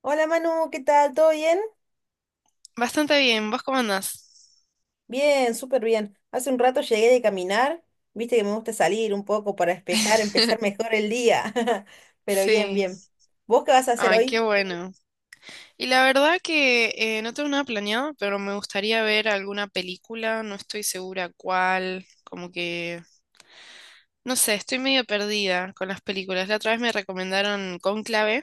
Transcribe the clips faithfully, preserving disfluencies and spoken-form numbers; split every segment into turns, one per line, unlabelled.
Hola Manu, ¿qué tal? ¿Todo bien?
Bastante bien, ¿vos cómo andás?
Bien, súper bien. Hace un rato llegué de caminar, viste que me gusta salir un poco para despejar, empezar mejor el día. Pero bien,
Sí,
bien. ¿Vos qué vas a hacer
ay, qué
hoy?
bueno. Y la verdad que eh, no tengo nada planeado, pero me gustaría ver alguna película, no estoy segura cuál, como que, no sé, estoy medio perdida con las películas. La otra vez me recomendaron Cónclave,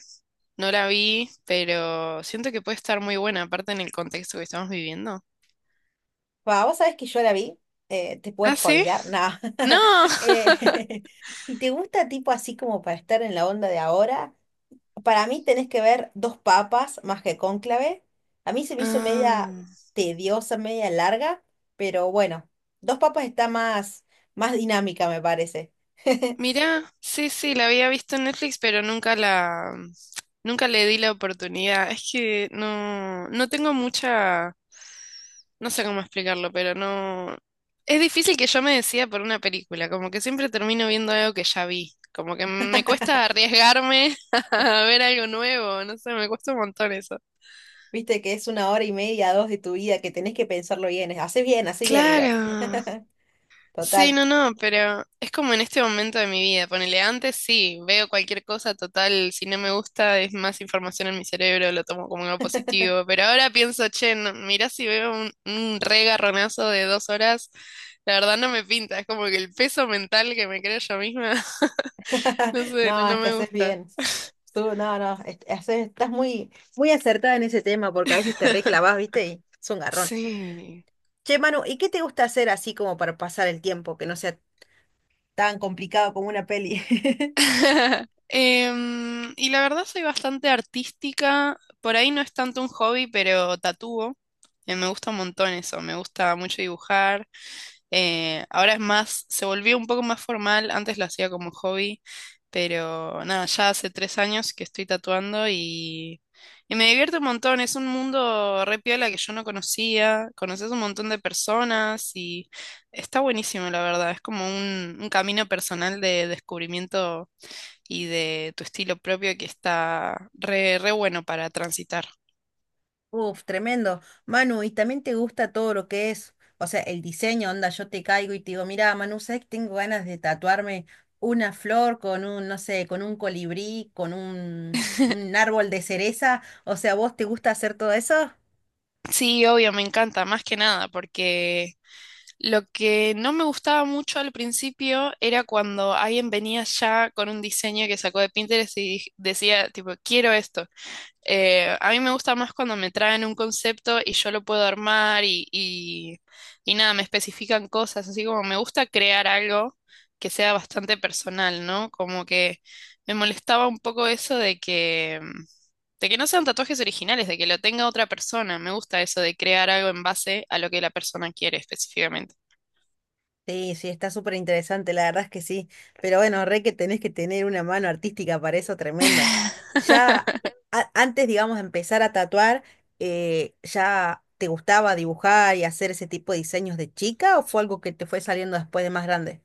no la vi, pero siento que puede estar muy buena, aparte en el contexto que estamos viviendo.
Va, vos sabés que yo la vi, eh, te puedo
¿Ah, sí?
spoilear, nada.
No.
Eh, ¿Y te gusta tipo así como para estar en la onda de ahora? Para mí tenés que ver Dos Papas más que Cónclave. A mí se me hizo media
Ah.
tediosa, media larga, pero bueno, Dos Papas está más, más dinámica, me parece.
Mirá, sí, sí, la había visto en Netflix, pero nunca la, mm, nunca le di la oportunidad. Es que no, no tengo mucha, no sé cómo explicarlo, pero no, es difícil que yo me decida por una película, como que siempre termino viendo algo que ya vi, como que me cuesta arriesgarme a ver algo nuevo, no sé, me cuesta un montón eso.
Viste que es una hora y media, dos de tu vida, que tenés que pensarlo bien. Haces bien, haces bien igual.
Claro. Sí,
Total.
no, no, pero es como en este momento de mi vida. Ponele antes, sí, veo cualquier cosa total, si no me gusta es más información en mi cerebro, lo tomo como algo positivo. Pero ahora pienso, che, no, mirá si veo un, un re de dos horas, la verdad no me pinta, es como que el peso mental que me creo yo misma, no sé, no,
No,
no
es que
me
haces
gusta.
bien. Tú, no, no, es- haces- estás muy, muy acertada en ese tema porque a veces te reclavas, ¿viste? Y es un garrón.
Sí.
Che, Manu, ¿y qué te gusta hacer así como para pasar el tiempo, que no sea tan complicado como una peli?
Em, y la verdad soy bastante artística. Por ahí no es tanto un hobby, pero tatúo. Eh, me gusta un montón eso. Me gusta mucho dibujar. Eh, ahora es más, se volvió un poco más formal. Antes lo hacía como hobby. Pero nada, ya hace tres años que estoy tatuando y, y me divierte un montón. Es un mundo re piola que yo no conocía. Conoces un montón de personas y está buenísimo, la verdad. Es como un, un camino personal de descubrimiento y de tu estilo propio que está re, re bueno para transitar.
Uf, tremendo. Manu, ¿y también te gusta todo lo que es, o sea, el diseño, onda, yo te caigo y te digo, mira, Manu, ¿sabes que tengo ganas de tatuarme una flor con un, no sé, con un colibrí, con un, un árbol de cereza? O sea, ¿vos te gusta hacer todo eso?
Sí, obvio, me encanta, más que nada, porque lo que no me gustaba mucho al principio era cuando alguien venía ya con un diseño que sacó de Pinterest y dij- decía, tipo, quiero esto. Eh, a mí me gusta más cuando me traen un concepto y yo lo puedo armar y, y, y nada, me especifican cosas, así como me gusta crear algo que sea bastante personal, ¿no? Como que me molestaba un poco eso de que, de que no sean tatuajes originales, de que lo tenga otra persona. Me gusta eso de crear algo en base a lo que la persona quiere específicamente.
Sí, sí, está súper interesante, la verdad es que sí. Pero bueno, re que tenés que tener una mano artística para eso, tremendo. Ya a- antes, digamos, de empezar a tatuar, eh, ¿ya te gustaba dibujar y hacer ese tipo de diseños de chica o fue algo que te fue saliendo después de más grande?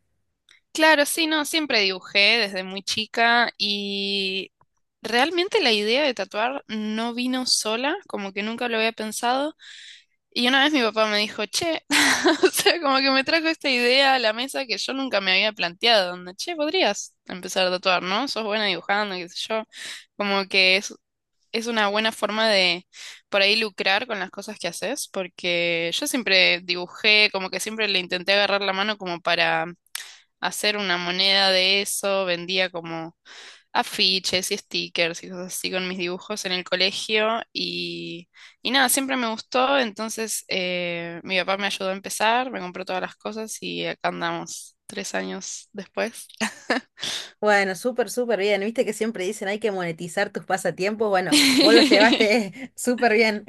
Claro, sí, no, siempre dibujé desde muy chica y realmente la idea de tatuar no vino sola, como que nunca lo había pensado. Y una vez mi papá me dijo, che, o sea, como que me trajo esta idea a la mesa que yo nunca me había planteado, donde, che, podrías empezar a tatuar, ¿no? Sos buena dibujando, qué sé yo. Como que es, es una buena forma de por ahí lucrar con las cosas que haces, porque yo siempre dibujé, como que siempre le intenté agarrar la mano como para hacer una moneda de eso, vendía como afiches y stickers y cosas así con mis dibujos en el colegio y, y nada, siempre me gustó, entonces eh, mi papá me ayudó a empezar, me compró todas las cosas y acá andamos tres años después.
Bueno, súper, súper bien. Viste que siempre dicen hay que monetizar tus pasatiempos. Bueno, vos lo llevaste súper bien.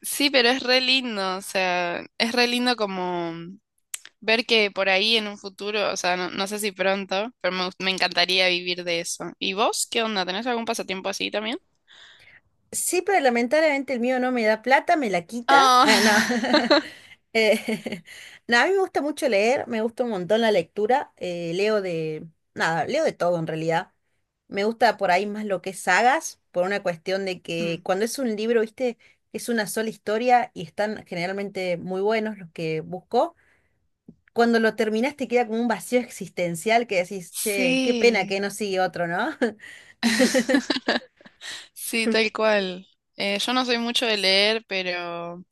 Sí, pero es re lindo, o sea, es re lindo como ver que por ahí en un futuro, o sea, no, no sé si pronto, pero me, gust- me encantaría vivir de eso. ¿Y vos qué onda? ¿Tenés algún pasatiempo así también?
Sí, pero lamentablemente el mío no me da plata, me la quita. Eh, no.
Oh.
Eh, no, a mí me gusta mucho leer, me gusta un montón la lectura. eh, leo de, nada, leo de todo en realidad. Me gusta por ahí más lo que es sagas, por una cuestión de que
Mm.
cuando es un libro, viste, es una sola historia y están generalmente muy buenos los que busco. Cuando lo terminas te queda como un vacío existencial que decís, che, qué pena que
Sí,
no sigue otro, ¿no?
sí, tal cual. Eh, yo no soy mucho de leer, pero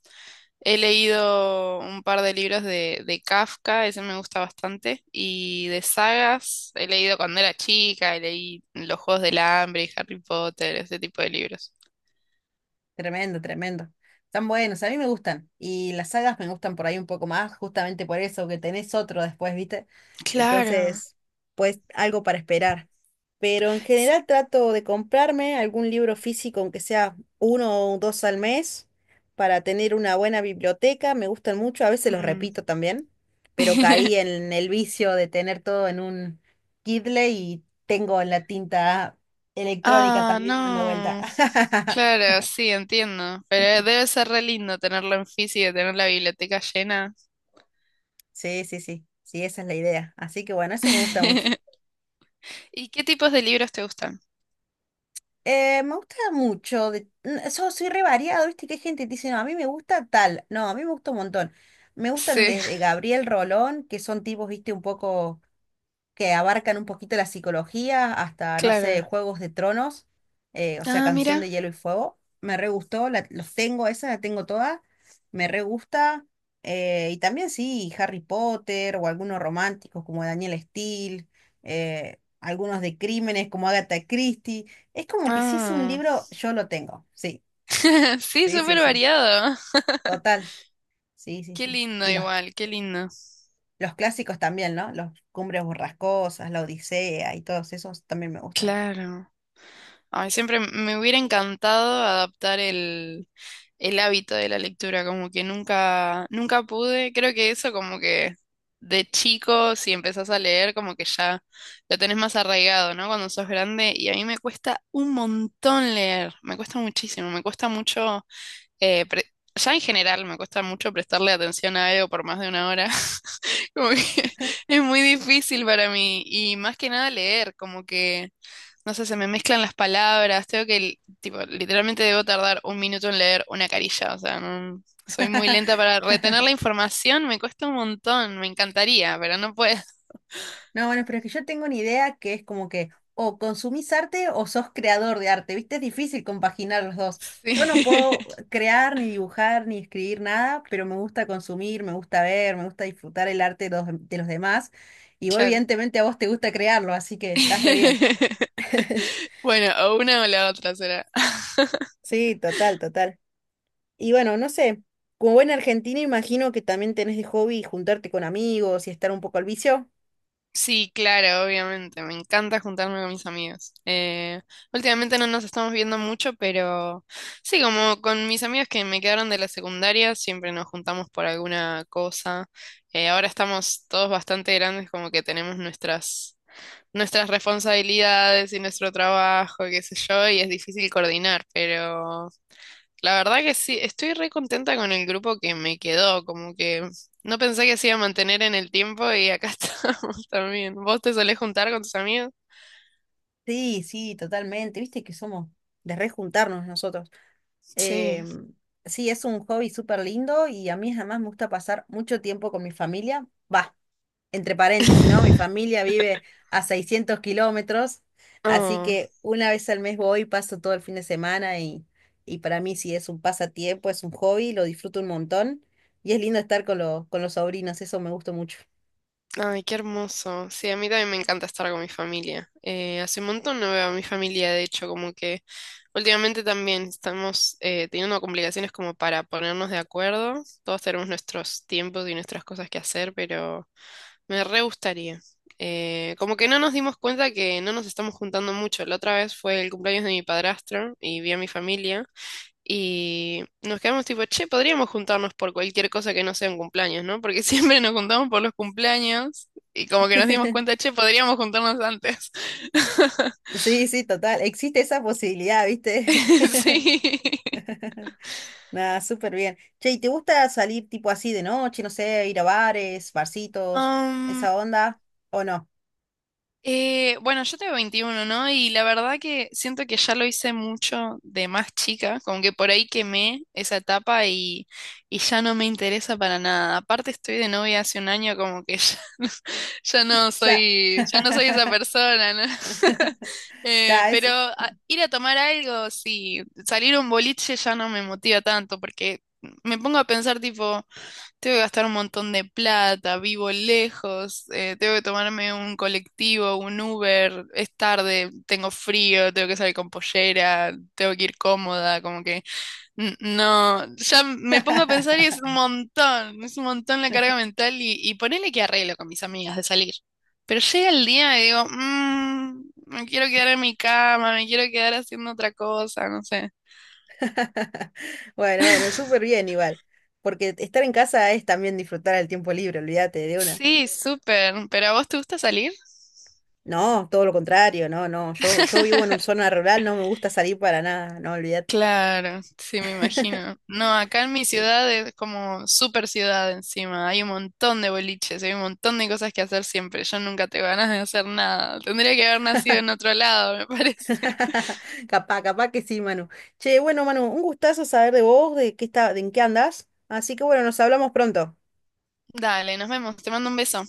he leído un par de libros de, de Kafka, ese me gusta bastante, y de sagas, he leído cuando era chica, leí Los Juegos del Hambre y Harry Potter, ese tipo de libros.
Tremendo, tremendo. Están buenos, a mí me gustan. Y las sagas me gustan por ahí un poco más, justamente por eso, que tenés otro después, ¿viste?
Claro.
Entonces, pues algo para esperar. Pero en general trato de comprarme algún libro físico, aunque sea uno o dos al mes, para tener una buena biblioteca. Me gustan mucho, a veces los
Mm.
repito también, pero caí en el vicio de tener todo en un Kindle y tengo la tinta electrónica
Ah,
también dando vuelta.
no. Claro, sí, entiendo. Pero debe ser re lindo tenerlo en físico, tener la biblioteca llena.
Sí, sí, sí, sí, esa es la idea. Así que bueno, eso me gusta mucho.
¿Y qué tipos de libros te gustan?
Eh, me gusta mucho, de... n- so- soy re variado, ¿viste? Que hay gente que dice, no, a mí me gusta tal. No, a mí me gusta un montón. Me gustan
Sí,
desde Gabriel Rolón, que son tipos, ¿viste? Un poco que abarcan un poquito la psicología, hasta, no sé,
claro.
Juegos de Tronos, eh, o sea,
Ah,
Canción
mira.
de Hielo y Fuego. Me re gustó, la- los tengo, esa la tengo toda, me re gusta. Eh, y también sí, Harry Potter o algunos románticos como Daniel Steele, eh, algunos de crímenes como Agatha Christie. Es como que si es un
Ah,
libro, yo lo tengo. Sí,
sí,
sí, sí,
súper
sí.
variado.
Total. Sí, sí,
Qué
sí.
lindo
Y los,
igual, qué lindo.
los clásicos también, ¿no? Los Cumbres Borrascosas, La Odisea y todos esos también me gustan.
Claro. Ay, siempre me hubiera encantado adaptar el, el hábito de la lectura, como que nunca, nunca pude. Creo que eso como que de chico, si empezás a leer, como que ya lo tenés más arraigado, ¿no? Cuando sos grande. Y a mí me cuesta un montón leer, me cuesta muchísimo, me cuesta mucho. Eh, pre- ya en general me cuesta mucho prestarle atención a algo por más de una hora. Como que es muy difícil para mí. Y más que nada leer, como que, no sé, se me mezclan las palabras. Tengo que, li- tipo, literalmente debo tardar un minuto en leer una carilla. O sea, no, soy muy lenta para retener la información. Me cuesta un montón. Me encantaría, pero no puedo.
No, bueno, pero es que yo tengo una idea que es como que o consumís arte o sos creador de arte, ¿viste? Es difícil compaginar los dos.
Sí,
Yo no puedo crear, ni dibujar, ni escribir nada, pero me gusta consumir, me gusta ver, me gusta disfrutar el arte de los, de los demás. Y vos,
claro.
evidentemente, a vos te gusta crearlo, así que estás re bien.
Bueno, o una o la otra será.
Sí, total, total. Y bueno, no sé, como buena argentina imagino que también tenés de hobby juntarte con amigos y estar un poco al vicio.
Sí, claro, obviamente. Me encanta juntarme con mis amigos. Eh, últimamente no nos estamos viendo mucho, pero sí, como con mis amigos que me quedaron de la secundaria, siempre nos juntamos por alguna cosa. Eh, ahora estamos todos bastante grandes, como que tenemos nuestras, nuestras responsabilidades y nuestro trabajo, qué sé yo, y es difícil coordinar, pero... La verdad que sí, estoy re contenta con el grupo que me quedó, como que no pensé que se iba a mantener en el tiempo y acá estamos también. ¿Vos te solés juntar con tus amigos?
Sí, sí, totalmente. Viste que somos de rejuntarnos nosotros. Eh,
Sí.
sí, es un hobby súper lindo y a mí además me gusta pasar mucho tiempo con mi familia. Va, entre paréntesis, ¿no? Mi familia vive a seiscientos kilómetros, así
Oh,
que una vez al mes voy, paso todo el fin de semana y, y para mí sí es un pasatiempo, es un hobby, lo disfruto un montón y es lindo estar con, los con los sobrinos, eso me gusta mucho.
ay, qué hermoso. Sí, a mí también me encanta estar con mi familia. Eh, hace un montón no veo a mi familia, de hecho, como que últimamente también estamos eh, teniendo complicaciones como para ponernos de acuerdo. Todos tenemos nuestros tiempos y nuestras cosas que hacer, pero... Me re gustaría. Eh, como que no nos dimos cuenta que no nos estamos juntando mucho. La otra vez fue el cumpleaños de mi padrastro y vi a mi familia y nos quedamos tipo, che, podríamos juntarnos por cualquier cosa que no sea un cumpleaños, ¿no? Porque siempre nos juntamos por los cumpleaños y como que nos dimos cuenta, che, podríamos juntarnos antes.
Sí, sí, total, existe esa posibilidad, ¿viste?
Sí.
Nada, súper bien. Che, ¿y te gusta salir tipo así de noche, no sé, ir a bares, barcitos,
Am,
esa onda? ¿O no?
Eh, bueno, yo tengo veintiuno, ¿no? Y la verdad que siento que ya lo hice mucho de más chica, como que por ahí quemé esa etapa y, y ya no me interesa para nada. Aparte estoy de novia hace un año, como que ya no, ya no
Ya,
soy, ya no soy esa persona, ¿no? Eh,
ta, es...
pero a- ir a tomar algo, sí, salir a un boliche ya no me motiva tanto, porque me pongo a pensar tipo... Tengo que gastar un montón de plata, vivo lejos, eh, tengo que tomarme un colectivo, un Uber, es tarde, tengo frío, tengo que salir con pollera, tengo que ir cómoda, como que n- no, ya me pongo a pensar y es un montón, es un montón la carga mental y, y ponele que arreglo con mis amigas de salir. Pero llega el día y digo, "Mm, me quiero quedar en mi cama, me quiero quedar haciendo otra cosa, no sé.
Bueno, bueno, súper bien igual. Porque estar en casa es también disfrutar el tiempo libre, olvídate de una.
Sí, súper, pero ¿a vos te gusta salir?
No, todo lo contrario, no, no. Yo, yo vivo en una zona rural, no me gusta salir para nada, no, olvídate.
Claro, sí, me imagino. No, acá en mi
Sí.
ciudad es como super ciudad encima. Hay un montón de boliches, hay un montón de cosas que hacer siempre. Yo nunca tengo ganas de hacer nada. Tendría que haber nacido en otro lado, me parece.
Capaz, capaz que sí, Manu. Che, bueno, Manu, un gustazo saber de vos, de qué está, de en qué andás. Así que bueno, nos hablamos pronto.
Dale, nos vemos. Te mando un beso.